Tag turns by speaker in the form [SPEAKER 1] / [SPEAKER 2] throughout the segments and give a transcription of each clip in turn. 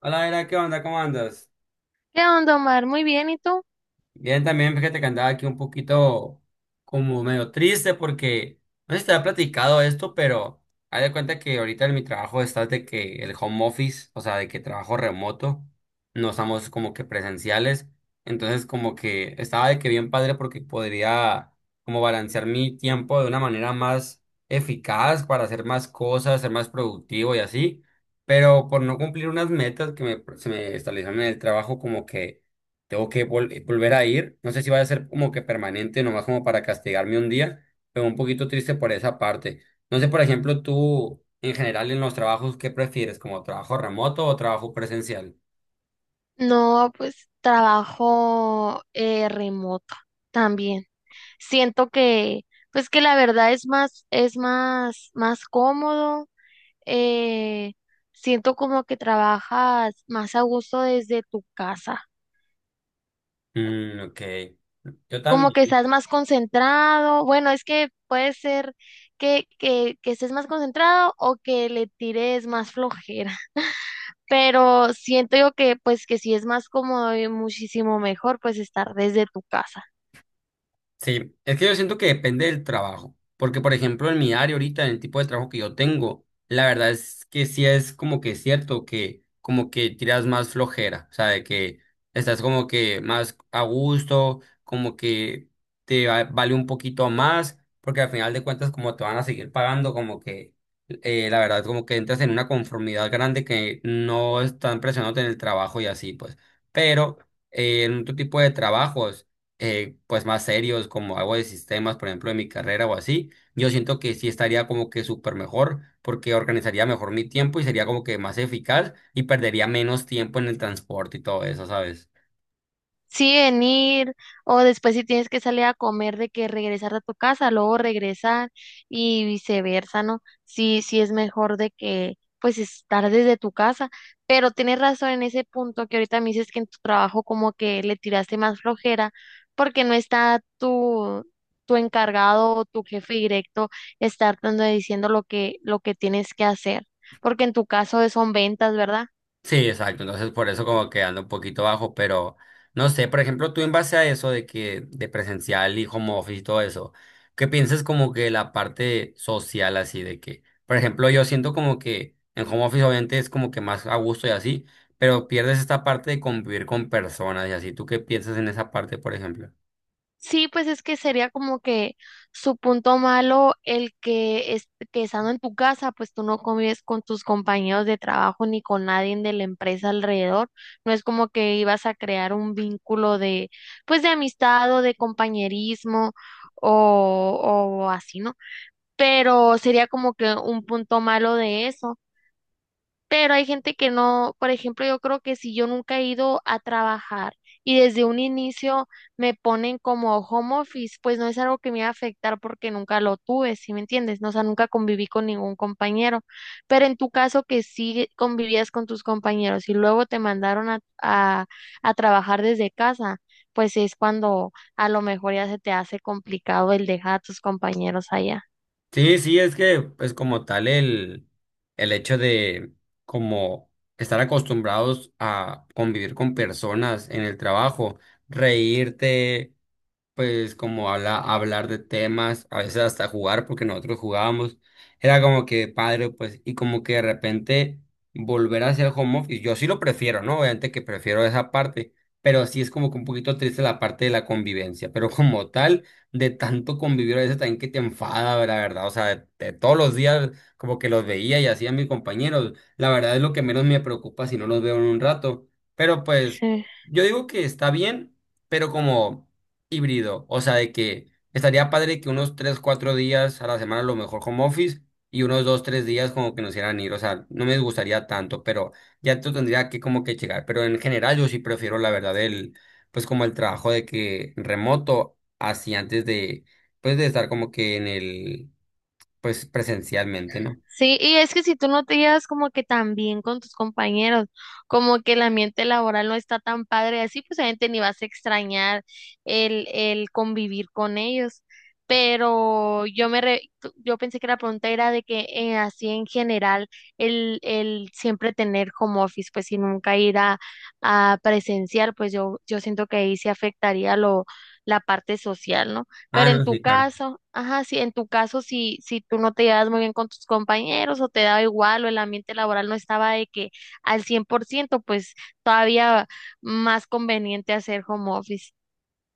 [SPEAKER 1] Hola, Era, ¿qué onda? ¿Cómo andas?
[SPEAKER 2] ¿Qué onda, Omar? Muy bien, ¿y tú?
[SPEAKER 1] Bien, también fíjate que andaba aquí un poquito como medio triste porque no sé si te había platicado esto, pero haz de cuenta que ahorita en mi trabajo está de que el home office, o sea, de que trabajo remoto, no estamos como que presenciales, entonces como que estaba de que bien padre porque podría como balancear mi tiempo de una manera más eficaz para hacer más cosas, ser más productivo y así, pero por no cumplir unas metas que me, se me establecieron en el trabajo como que tengo que volver a ir. No sé si vaya a ser como que permanente, nomás como para castigarme un día, pero un poquito triste por esa parte. No sé, por ejemplo, tú en general en los trabajos, ¿qué prefieres? ¿Como trabajo remoto o trabajo presencial?
[SPEAKER 2] No, pues trabajo remoto también. Siento pues que la verdad es más, es más cómodo. eh, Siento como que trabajas más a gusto desde tu casa,
[SPEAKER 1] Mm, ok. Yo
[SPEAKER 2] como que
[SPEAKER 1] también.
[SPEAKER 2] estás más concentrado. Bueno, es que puede ser que estés más concentrado o que le tires más flojera. Pero siento yo que pues que sí es más cómodo y muchísimo mejor pues estar desde tu casa.
[SPEAKER 1] Sí, es que yo siento que depende del trabajo, porque por ejemplo en mi área ahorita, en el tipo de trabajo que yo tengo, la verdad es que sí es como que cierto que como que tiras más flojera, o sea, de que estás como que más a gusto, como que vale un poquito más, porque al final de cuentas como te van a seguir pagando, como que la verdad como que entras en una conformidad grande que no están presionándote en el trabajo y así pues, pero en otro tipo de trabajos pues más serios como algo de sistemas, por ejemplo, de mi carrera o así, yo siento que sí estaría como que súper mejor porque organizaría mejor mi tiempo y sería como que más eficaz y perdería menos tiempo en el transporte y todo eso, ¿sabes?
[SPEAKER 2] Sí, venir, o después si tienes que salir a comer, de que regresar a tu casa, luego regresar y viceversa, ¿no? Sí, sí es mejor de que pues estar desde tu casa, pero tienes razón en ese punto que ahorita me dices que en tu trabajo como que le tiraste más flojera porque no está tu encargado o tu jefe directo estar dando diciendo lo que tienes que hacer, porque en tu caso son ventas, ¿verdad?
[SPEAKER 1] Sí, exacto. Entonces, por eso como que ando un poquito bajo, pero no sé, por ejemplo, tú en base a eso de que de presencial y home office y todo eso, ¿qué piensas como que la parte social así de que, por ejemplo, yo siento como que en home office obviamente es como que más a gusto y así, pero pierdes esta parte de convivir con personas y así. ¿Tú qué piensas en esa parte, por ejemplo?
[SPEAKER 2] Sí, pues es que sería como que su punto malo el que estando en tu casa, pues tú no convives con tus compañeros de trabajo ni con nadie de la empresa alrededor. No es como que ibas a crear un vínculo de, pues de amistad o de compañerismo o, o así, ¿no? Pero sería como que un punto malo de eso. Pero hay gente que no, por ejemplo, yo creo que si yo nunca he ido a trabajar y desde un inicio me ponen como home office, pues no es algo que me va a afectar porque nunca lo tuve, ¿sí me entiendes? No, o sea, nunca conviví con ningún compañero. Pero en tu caso que sí convivías con tus compañeros y luego te mandaron a trabajar desde casa, pues es cuando a lo mejor ya se te hace complicado el dejar a tus compañeros allá.
[SPEAKER 1] Sí, sí, es que pues como tal el hecho de como estar acostumbrados a convivir con personas en el trabajo, reírte, pues como hablar de temas, a veces hasta jugar, porque nosotros jugábamos, era como que padre, pues, y como que de repente volver a hacer home office, yo sí lo prefiero, ¿no? Obviamente que prefiero esa parte, pero sí es como que un poquito triste la parte de la convivencia, pero como tal, de tanto convivir a veces también que te enfada, la verdad, o sea, de todos los días como que los veía y hacía mis compañeros, la verdad es lo que menos me preocupa si no los veo en un rato, pero pues
[SPEAKER 2] Sí.
[SPEAKER 1] yo digo que está bien, pero como híbrido, o sea, de que estaría padre que unos 3 4 días a la semana a lo mejor home office y unos 2 3 días como que nos hicieran ir, o sea, no me gustaría tanto, pero ya esto tendría que como que llegar, pero en general yo sí prefiero la verdad el, pues como el trabajo de que remoto, así antes de, pues de estar como que en el, pues presencialmente, ¿no?
[SPEAKER 2] Sí, y es que si tú no te llevas como que tan bien con tus compañeros, como que el ambiente laboral no está tan padre, así pues obviamente ni vas a extrañar el convivir con ellos. Pero yo pensé que la pregunta era de que así en general el siempre tener home office, pues y nunca ir a presencial, pues yo siento que ahí se afectaría lo, la parte social, ¿no?
[SPEAKER 1] Ah,
[SPEAKER 2] Pero en
[SPEAKER 1] no,
[SPEAKER 2] tu
[SPEAKER 1] sí, claro.
[SPEAKER 2] caso, ajá, sí, en tu caso, si tú no te llevas muy bien con tus compañeros o te da igual o el ambiente laboral no estaba de que al 100%, pues todavía más conveniente hacer home office.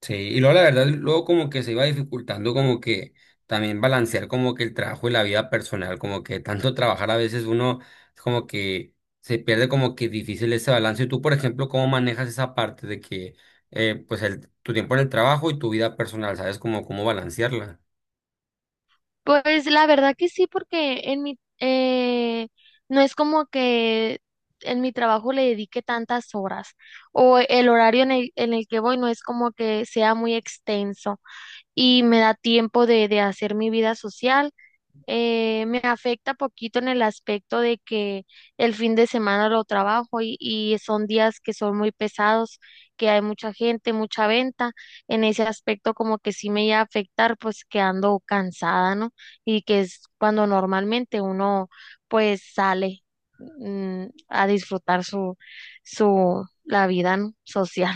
[SPEAKER 1] Sí, y luego la verdad, luego como que se iba dificultando como que también balancear como que el trabajo y la vida personal, como que tanto trabajar a veces uno es como que se pierde como que difícil ese balance. Y tú, por ejemplo, ¿cómo manejas esa parte de que pues el, tu tiempo en el trabajo y tu vida personal, ¿sabes como cómo balancearla?
[SPEAKER 2] Pues la verdad que sí, porque en no es como que en mi trabajo le dedique tantas horas o el horario en en el que voy no es como que sea muy extenso y me da tiempo de hacer mi vida social me afecta poquito en el aspecto de que el fin de semana lo trabajo y son días que son muy pesados, que hay mucha gente, mucha venta. En ese aspecto como que sí me iba a afectar pues que ando cansada, ¿no? Y que es cuando normalmente uno pues sale a disfrutar la vida, ¿no? social.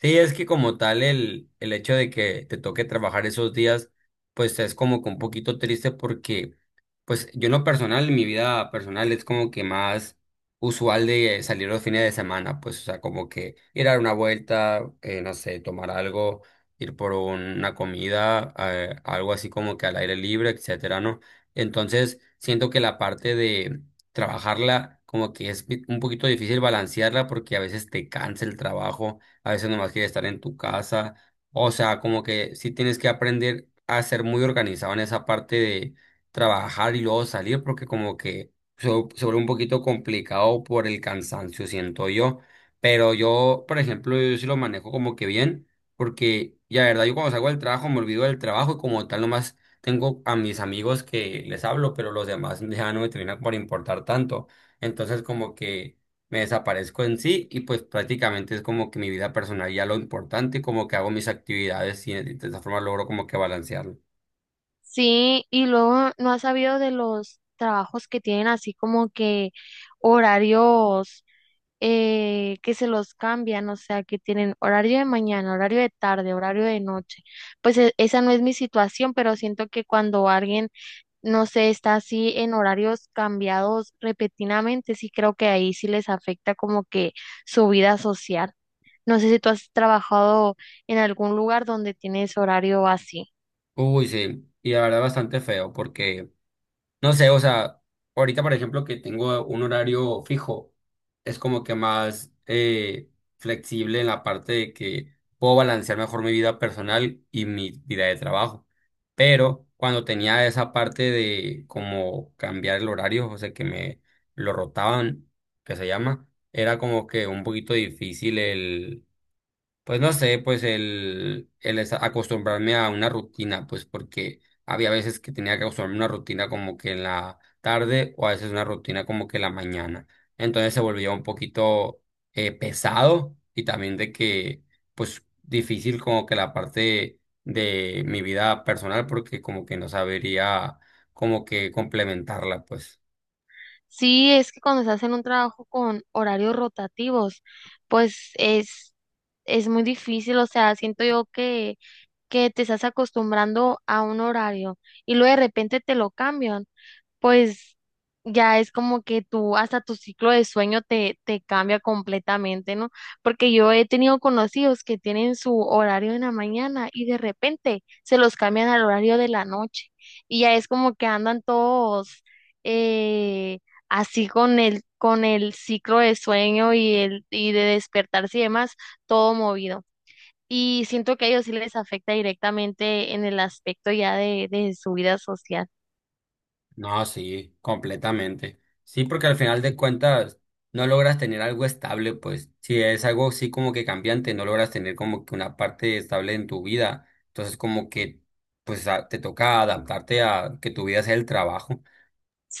[SPEAKER 1] Sí, es que como tal el hecho de que te toque trabajar esos días, pues es como que un poquito triste porque pues yo en lo personal, en mi vida personal es como que más usual de salir los fines de semana, pues o sea, como que ir a dar una vuelta, no sé, tomar algo, ir por una comida, algo así como que al aire libre, etcétera, ¿no? Entonces siento que la parte de trabajarla como que es un poquito difícil balancearla porque a veces te cansa el trabajo, a veces nomás quieres estar en tu casa, o sea, como que sí tienes que aprender a ser muy organizado en esa parte de trabajar y luego salir porque como que se, se vuelve un poquito complicado por el cansancio, siento yo. Pero yo, por ejemplo, yo sí lo manejo como que bien porque ya, verdad, yo cuando salgo del trabajo me olvido del trabajo y como tal nomás tengo a mis amigos que les hablo, pero los demás ya no me terminan por importar tanto. Entonces como que me desaparezco en sí y pues prácticamente es como que mi vida personal ya lo importante, como que hago mis actividades y de esa forma logro como que balancearlo.
[SPEAKER 2] Sí, y luego no has sabido de los trabajos que tienen así como que horarios que se los cambian, o sea, que tienen horario de mañana, horario de tarde, horario de noche. Pues esa no es mi situación, pero siento que cuando alguien, no sé, está así en horarios cambiados repetidamente, sí creo que ahí sí les afecta como que su vida social. No sé si tú has trabajado en algún lugar donde tienes horario así.
[SPEAKER 1] Uy, sí, y la verdad bastante feo porque, no sé, o sea, ahorita por ejemplo que tengo un horario fijo, es como que más flexible en la parte de que puedo balancear mejor mi vida personal y mi vida de trabajo. Pero cuando tenía esa parte de como cambiar el horario, o sea, que me lo rotaban, que se llama, era como que un poquito difícil pues no sé, pues acostumbrarme a una rutina, pues porque había veces que tenía que acostumbrarme a una rutina como que en la tarde o a veces una rutina como que en la mañana. Entonces se volvía un poquito pesado y también de que, pues difícil como que la parte de mi vida personal porque como que no sabería como que complementarla, pues.
[SPEAKER 2] Sí, es que cuando estás en un trabajo con horarios rotativos, pues es muy difícil, o sea, siento yo que te estás acostumbrando a un horario y luego de repente te lo cambian, pues ya es como que tú, hasta tu ciclo de sueño te cambia completamente, ¿no? Porque yo he tenido conocidos que tienen su horario en la mañana y de repente se los cambian al horario de la noche y ya es como que andan todos eh, así con con el ciclo de sueño y de despertarse y demás, todo movido. Y siento que a ellos sí les afecta directamente en el aspecto ya de su vida social.
[SPEAKER 1] No, sí, completamente. Sí, porque al final de cuentas no logras tener algo estable, pues si es algo así como que cambiante, no logras tener como que una parte estable en tu vida. Entonces como que pues te toca adaptarte a que tu vida sea el trabajo.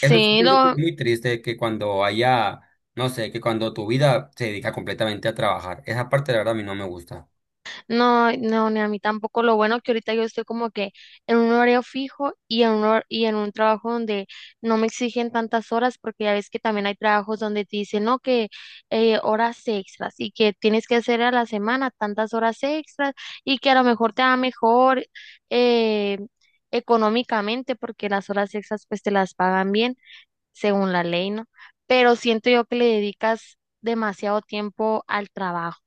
[SPEAKER 1] Eso sí siento que es muy triste que cuando haya, no sé, que cuando tu vida se dedica completamente a trabajar. Esa parte la verdad a mí no me gusta.
[SPEAKER 2] no, no, ni a mí tampoco. Lo bueno que ahorita yo estoy como que en un horario fijo y en un trabajo donde no me exigen tantas horas, porque ya ves que también hay trabajos donde te dicen, no, que horas extras y que tienes que hacer a la semana tantas horas extras y que a lo mejor te va mejor eh, económicamente porque las horas extras pues te las pagan bien según la ley, ¿no? Pero siento yo que le dedicas demasiado tiempo al trabajo.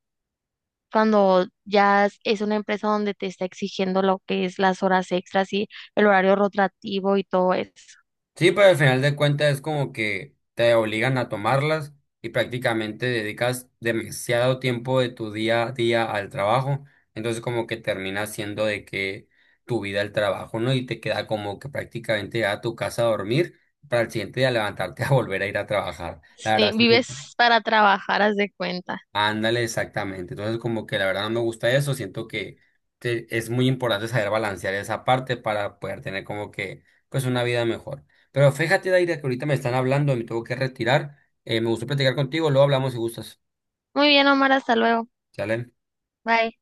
[SPEAKER 2] Cuando ya es una empresa donde te está exigiendo lo que es las horas extras y el horario rotativo y todo eso.
[SPEAKER 1] Sí, pero al final de cuentas es como que te obligan a tomarlas y prácticamente dedicas demasiado tiempo de tu día a día al trabajo. Entonces como que termina siendo de que tu vida el trabajo, ¿no? Y te queda como que prácticamente ya a tu casa a dormir para el siguiente día levantarte a volver a ir a trabajar. La
[SPEAKER 2] Sí,
[SPEAKER 1] verdad sí.
[SPEAKER 2] vives para trabajar, haz de cuenta.
[SPEAKER 1] Ándale, exactamente. Entonces, como que la verdad no me gusta eso. Siento que es muy importante saber balancear esa parte para poder tener como que, pues, una vida mejor. Pero fíjate, Daira, que ahorita me están hablando, me tengo que retirar. Me gustó platicar contigo, luego hablamos si gustas.
[SPEAKER 2] Muy bien, Omar, hasta luego.
[SPEAKER 1] ¿Sale?
[SPEAKER 2] Bye.